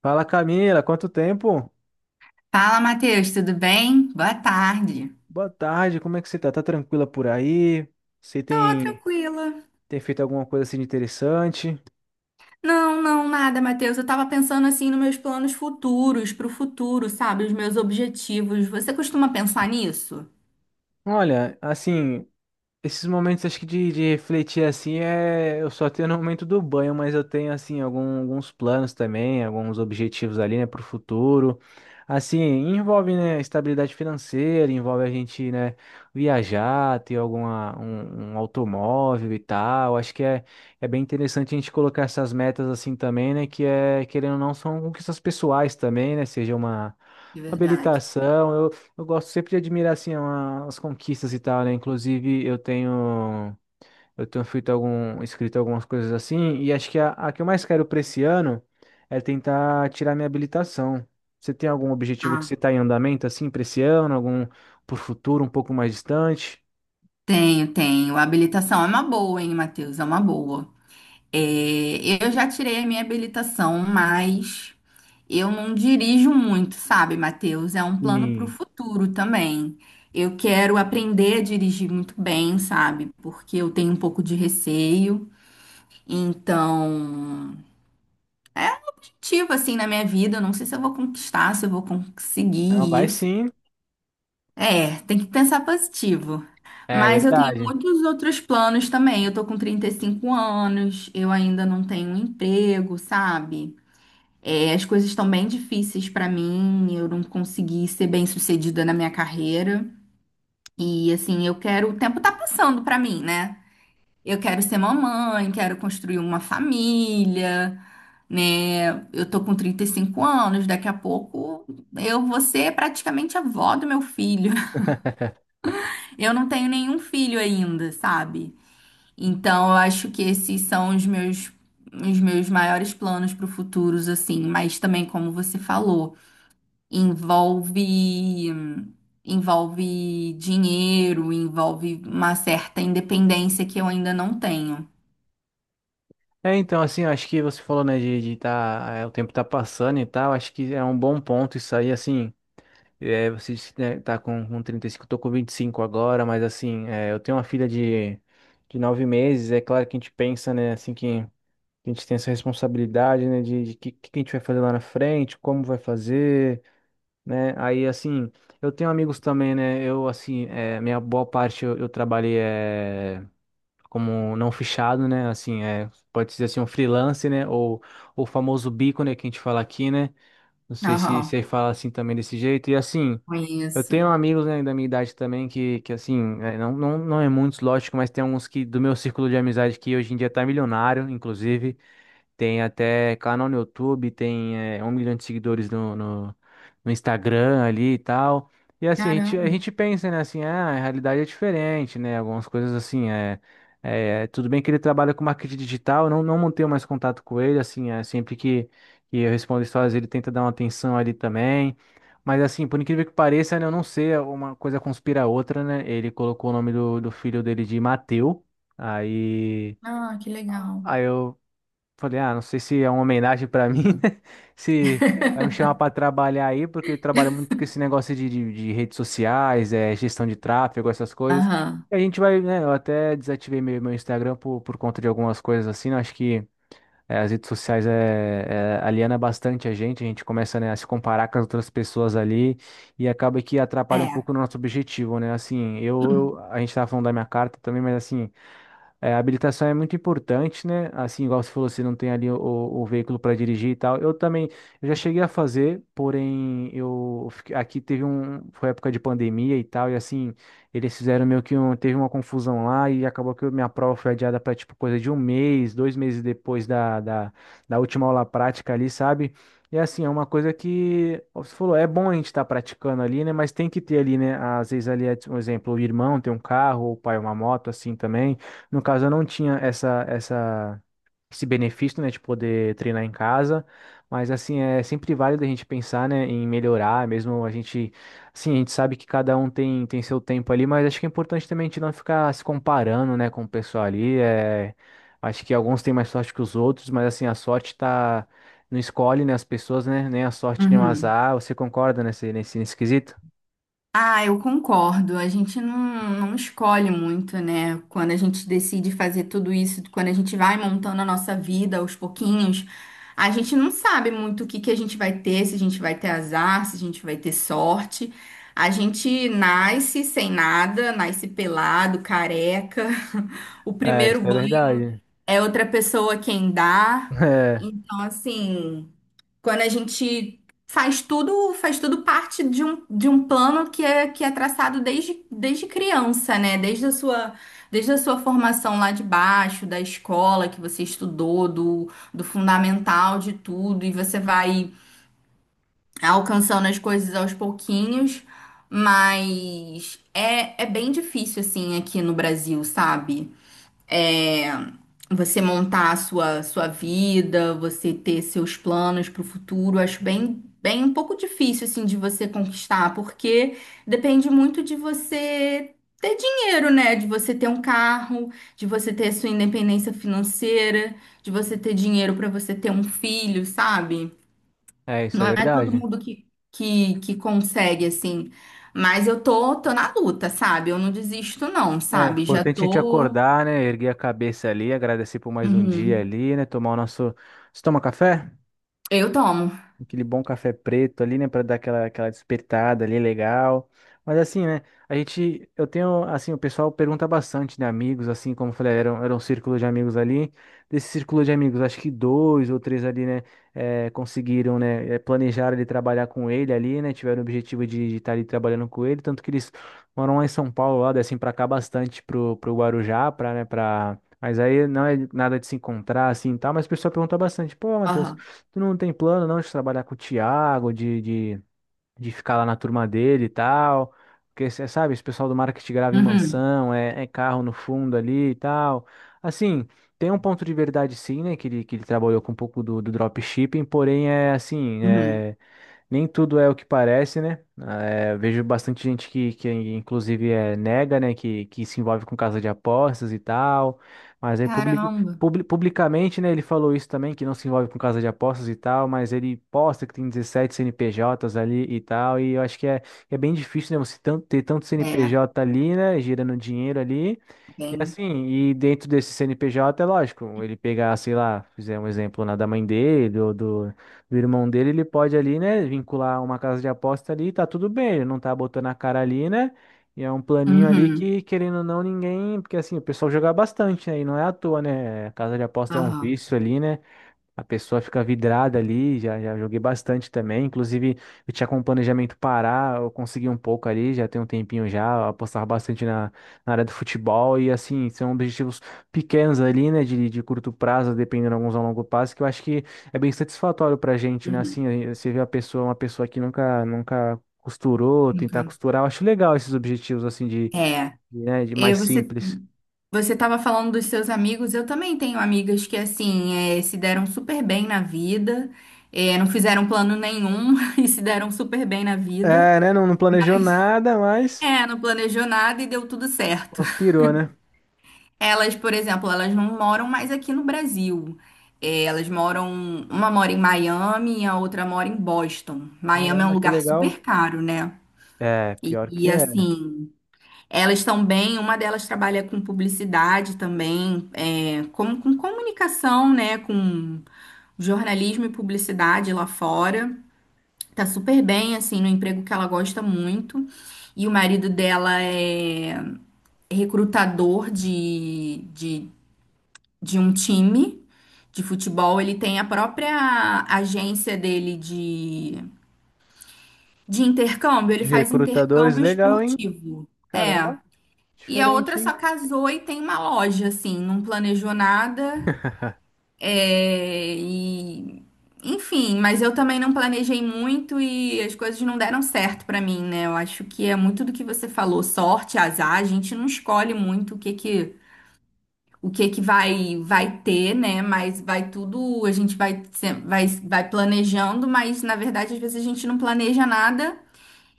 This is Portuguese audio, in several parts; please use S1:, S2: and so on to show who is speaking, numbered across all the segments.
S1: Fala, Camila, quanto tempo?
S2: Fala, Matheus, tudo bem? Boa tarde.
S1: Boa tarde, como é que você tá? Tá tranquila por aí? Você
S2: Tô
S1: tem,
S2: tranquila.
S1: tem feito alguma coisa assim de interessante?
S2: Não, não, nada, Matheus. Eu tava pensando assim nos meus planos futuros, pro futuro, sabe? Os meus objetivos. Você costuma pensar nisso?
S1: Olha, assim, esses momentos, acho que de refletir assim, eu só tenho no momento do banho, mas eu tenho assim alguns planos também, alguns objetivos ali, né, para o futuro. Assim, envolve, né, estabilidade financeira, envolve a gente, né, viajar, ter um automóvel e tal. Acho que é bem interessante a gente colocar essas metas assim também, né, que é, querendo ou não, são conquistas pessoais também, né, seja uma
S2: De
S1: uma
S2: verdade.
S1: habilitação. Eu gosto sempre de admirar assim as conquistas e tal, né? Inclusive eu tenho feito algum escrito algumas coisas assim, e acho que a que eu mais quero para esse ano é tentar tirar minha habilitação. Você tem algum objetivo que você
S2: Ah,
S1: está em andamento assim para esse ano, algum pro futuro um pouco mais distante?
S2: tenho, tenho. A habilitação é uma boa, hein, Matheus? É uma boa. É, eu já tirei a minha habilitação, mas eu não dirijo muito, sabe, Matheus? É um plano para o
S1: Sim.
S2: futuro também. Eu quero aprender a dirigir muito bem, sabe? Porque eu tenho um pouco de receio. Então, é ativo assim na minha vida. Eu não sei se eu vou conquistar, se eu vou
S1: Não,
S2: conseguir
S1: vai
S2: isso.
S1: sim.
S2: É, tem que pensar positivo.
S1: É
S2: Mas eu tenho
S1: verdade.
S2: muitos outros planos também. Eu tô com 35 anos, eu ainda não tenho um emprego, sabe? É, as coisas estão bem difíceis para mim, eu não consegui ser bem-sucedida na minha carreira. E assim, eu quero, o tempo tá passando para mim, né? Eu quero ser mamãe, quero construir uma família, né? Eu tô com 35 anos, daqui a pouco eu vou ser praticamente avó do meu filho. Eu não tenho nenhum filho ainda, sabe? Então, eu acho que esses são os meus maiores planos para o futuro, assim, mas também como você falou, envolve envolve dinheiro, envolve uma certa independência que eu ainda não tenho.
S1: É, então, assim, eu acho que você falou, né, de tá, o tempo tá passando e tal, acho que é um bom ponto isso aí, assim. É, você disse que, né, tá com 35, eu tô com 25 agora, mas assim, eu tenho uma filha de 9 meses. É claro que a gente pensa, né, assim, que a gente tem essa responsabilidade, né, de que a gente vai fazer lá na frente, como vai fazer, né, aí assim, eu tenho amigos também, né, eu assim, é, minha boa parte eu trabalhei, como não fichado, né, assim, pode dizer assim, um freelance, né, ou o famoso bico, né, que a gente fala aqui, né, não sei se,
S2: Aham.
S1: se aí fala assim também desse jeito, e assim. Eu
S2: Conheço.
S1: tenho amigos, né, da minha idade também que assim, é, não é muitos, lógico, mas tem alguns, que do meu círculo de amizade, que hoje em dia tá milionário, inclusive. Tem até canal no YouTube, tem, 1 milhão de seguidores no Instagram ali e tal. E assim, a gente, a
S2: Caramba.
S1: gente pensa, né, assim, ah, a realidade é diferente, né? Algumas coisas assim, tudo bem que ele trabalha com marketing digital, eu não mantenho mais contato com ele, assim, sempre que eu respondo histórias, ele tenta dar uma atenção ali também. Mas assim, por incrível que pareça, né, eu não sei, uma coisa conspira a outra, né? Ele colocou o nome do filho dele de Mateu. Aí.
S2: Ah, que legal.
S1: Aí eu falei, ah, não sei se é uma homenagem pra mim, né? Se vai me chamar pra trabalhar aí, porque eu trabalho muito com esse negócio de redes sociais, gestão de tráfego, essas coisas.
S2: Aham.
S1: E a gente vai, né? Eu até desativei meu Instagram por conta de algumas coisas assim, né? Acho que, as redes sociais, aliena bastante a gente. A gente começa, né, a se comparar com as outras pessoas ali, e acaba que atrapalha um
S2: É.
S1: pouco o nosso objetivo, né? Assim, a gente tava falando da minha carta também, mas assim. É, a habilitação é muito importante, né? Assim, igual você falou, você não tem ali o veículo para dirigir e tal. Eu também, eu já cheguei a fazer, porém, aqui teve um, foi época de pandemia e tal, e assim, eles fizeram meio que um, teve uma confusão lá, e acabou que minha prova foi adiada para tipo coisa de 1 mês, 2 meses depois da última aula prática ali, sabe? E assim, é uma coisa que, como você falou, é bom a gente estar praticando ali, né? Mas tem que ter ali, né? Às vezes ali, um exemplo, o irmão tem um carro, o pai uma moto, assim também. No caso, eu não tinha esse benefício, né, de poder treinar em casa, mas assim, é sempre válido a gente pensar, né, em melhorar. Mesmo a gente, assim, a gente sabe que cada um tem, seu tempo ali, mas acho que é importante também a gente não ficar se comparando, né, com o pessoal ali. Acho que alguns têm mais sorte que os outros, mas assim, a sorte tá, não escolhe, né, as pessoas, né, nem a sorte, nem o
S2: Uhum.
S1: azar. Você concorda nesse quesito?
S2: Ah, eu concordo. A gente não, não escolhe muito, né? Quando a gente decide fazer tudo isso, quando a gente vai montando a nossa vida aos pouquinhos, a gente não sabe muito o que que a gente vai ter, se a gente vai ter azar, se a gente vai ter sorte. A gente nasce sem nada, nasce pelado, careca. O
S1: É,
S2: primeiro
S1: isso é
S2: banho
S1: verdade.
S2: é outra pessoa quem dá. Então, assim. Quando a gente faz tudo parte de um plano que é traçado desde criança, né? Desde a sua formação lá de baixo, da escola que você estudou, do fundamental de tudo, e você vai alcançando as coisas aos pouquinhos, mas é, é bem difícil assim aqui no Brasil, sabe? É, você montar a sua vida, você ter seus planos para o futuro, acho bem, bem um pouco difícil assim de você conquistar, porque depende muito de você ter dinheiro, né? De você ter um carro, de você ter sua independência financeira, de você ter dinheiro para você ter um filho, sabe?
S1: Isso
S2: Não
S1: é
S2: é todo
S1: verdade.
S2: mundo que consegue assim. Mas eu tô, tô na luta, sabe? Eu não desisto, não,
S1: É
S2: sabe? Já
S1: importante a gente
S2: tô.
S1: acordar, né? Erguer a cabeça ali, agradecer por mais um dia
S2: Uhum.
S1: ali, né? Tomar o nosso. Você toma café?
S2: Eu tomo.
S1: Aquele bom café preto ali, né, para dar aquela despertada ali legal. Mas assim, né, a gente eu tenho assim, o pessoal pergunta bastante, né, amigos, assim, como eu falei, era, era um círculo de amigos ali. Desse círculo de amigos, acho que dois ou três ali, né, conseguiram, né, planejaram ele trabalhar com ele ali, né, tiveram o objetivo de estar ali trabalhando com ele, tanto que eles moram lá em São Paulo, lá descem pra cá bastante pro Guarujá, pra, né, pra. Mas aí não é nada de se encontrar assim, e tal, mas o pessoal pergunta bastante, pô, Matheus,
S2: Aham.
S1: tu não tem plano, não, de trabalhar com o Thiago, de ficar lá na turma dele e tal. Porque, você sabe, esse pessoal do marketing grava em
S2: Uhum.
S1: mansão, é carro no fundo ali e tal. Assim, tem um ponto de verdade sim, né? Que ele trabalhou com um pouco do dropshipping, porém é assim,
S2: Uhum.
S1: nem tudo é o que parece, né? Vejo bastante gente que inclusive, nega, né? Que se envolve com casa de apostas e tal. Mas aí,
S2: Caramba.
S1: publicamente, né? Ele falou isso também, que não se envolve com casa de apostas e tal. Mas ele posta que tem 17 CNPJs ali e tal. E eu acho que é bem difícil, né? Você ter tanto
S2: É,
S1: CNPJ ali, né? Girando dinheiro ali. E
S2: bem.
S1: assim, e dentro desse CNPJ, é lógico, ele pegar, sei lá, fizer um exemplo na da mãe dele ou do irmão dele. Ele pode ali, né, vincular uma casa de aposta ali, tá tudo bem, ele não tá botando a cara ali, né? E é um planinho ali
S2: Uhum.
S1: que, querendo ou não, ninguém, porque assim, o pessoal joga bastante, né? E não é à toa, né? Casa de aposta é um
S2: Aham.
S1: vício ali, né? A pessoa fica vidrada ali, já joguei bastante também. Inclusive, eu tinha com planejamento parar, eu consegui um pouco ali, já tem um tempinho já, apostar bastante na área do futebol. E assim, são objetivos pequenos ali, né, de curto prazo, dependendo alguns a longo prazo, que eu acho que é bem satisfatório pra gente, né?
S2: Uhum.
S1: Assim, aí você vê a pessoa, uma pessoa que nunca, nunca costurou, tentar costurar. Eu acho legal esses objetivos, assim,
S2: É,
S1: né, de
S2: e
S1: mais simples.
S2: você estava falando dos seus amigos. Eu também tenho amigas que assim é, se deram super bem na vida, é, não fizeram plano nenhum e se deram super bem na vida.
S1: É, né? Não, não planejou nada, mas
S2: É, não planejou nada e deu tudo certo.
S1: conspirou, né?
S2: Elas, por exemplo, elas não moram mais aqui no Brasil. É, elas moram, uma mora em Miami e a outra mora em Boston. Miami é um
S1: Caramba, que
S2: lugar
S1: legal.
S2: super caro, né?
S1: É, pior que
S2: E,
S1: é.
S2: assim, elas estão bem, uma delas trabalha com publicidade também, é, com comunicação, né? Com jornalismo e publicidade lá fora. Tá super bem, assim, no emprego que ela gosta muito. E o marido dela é recrutador de um time de futebol, ele tem a própria agência dele de intercâmbio, ele
S1: De
S2: faz
S1: recrutadores,
S2: intercâmbio
S1: legal, hein?
S2: esportivo.
S1: Caramba,
S2: É. E a
S1: diferente,
S2: outra só
S1: hein?
S2: casou e tem uma loja, assim, não planejou nada. É, e, enfim, mas eu também não planejei muito e as coisas não deram certo pra mim, né? Eu acho que é muito do que você falou, sorte, azar, a gente não escolhe muito o que que vai ter, né? Mas vai tudo, a gente vai se- vai vai planejando, mas na verdade às vezes a gente não planeja nada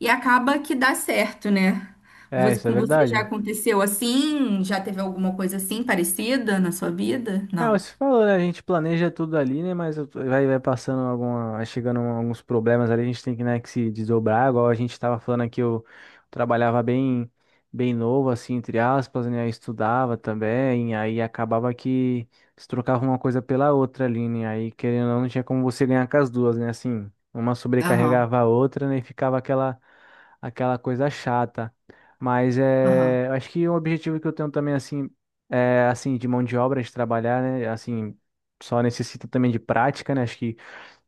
S2: e acaba que dá certo, né?
S1: É,
S2: Você-
S1: isso é
S2: com você já
S1: verdade.
S2: aconteceu assim? Já teve alguma coisa assim parecida na sua vida?
S1: É,
S2: Não.
S1: você falou, né? A gente planeja tudo ali, né? Mas vai, passando alguma, vai chegando alguns problemas ali, a gente tem que, né, que se desdobrar, igual a gente tava falando aqui. Eu trabalhava bem, bem novo, assim, entre aspas, né? Eu estudava também, aí acabava que se trocava uma coisa pela outra ali, né? Aí, querendo ou não, não tinha como você ganhar com as duas, né? Assim, uma
S2: Aham.
S1: sobrecarregava a outra, né? E ficava aquela coisa chata. Mas
S2: Aham.
S1: eu acho que um objetivo que eu tenho também, assim, assim, de mão de obra, de trabalhar, né? Assim, só necessita também de prática, né? Acho que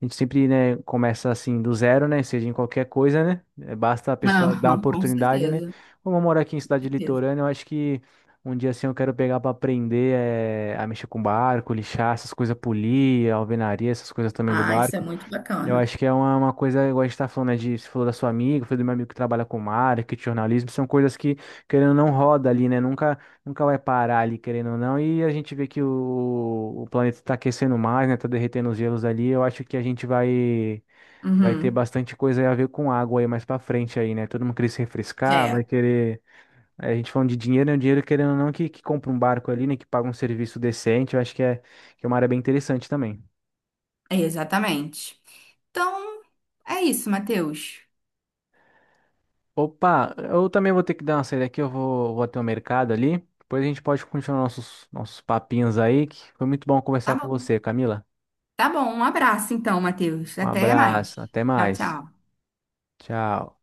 S1: a gente sempre, né, começa assim do zero, né? Seja em qualquer coisa, né? É, basta a pessoa dar uma
S2: Aham, com
S1: oportunidade, né?
S2: certeza,
S1: Como eu moro aqui em
S2: com
S1: cidade
S2: certeza.
S1: litorânea, eu acho que um dia assim eu quero pegar para aprender, a mexer com barco, lixar essas coisas, polir, alvenaria, essas coisas também do
S2: Ah, isso é
S1: barco.
S2: muito
S1: Eu
S2: bacana.
S1: acho que é uma coisa, igual a gente tá falando, né, de, você falou da sua amiga, foi do meu amigo que trabalha com marketing, jornalismo, são coisas que, querendo ou não, roda ali, né, nunca, nunca vai parar ali, querendo ou não. E a gente vê que o planeta tá aquecendo mais, né, tá derretendo os gelos ali. Eu acho que a gente vai, ter
S2: Uhum.
S1: bastante coisa a ver com água aí mais pra frente aí, né, todo mundo querer se refrescar, vai
S2: É,
S1: querer, a gente falando de dinheiro, né, o dinheiro, querendo ou não, que compra um barco ali, né, que paga um serviço decente. Eu acho que que é uma área bem interessante também.
S2: é, exatamente. Então, é isso, Matheus.
S1: Opa, eu também vou ter que dar uma saída aqui, eu vou, até o mercado ali. Depois a gente pode continuar nossos papinhos aí, que foi muito bom conversar
S2: Tá
S1: com
S2: bom.
S1: você, Camila.
S2: Tá bom, um abraço então, Matheus.
S1: Um
S2: Até mais.
S1: abraço, até
S2: Tchau,
S1: mais.
S2: tchau.
S1: Tchau.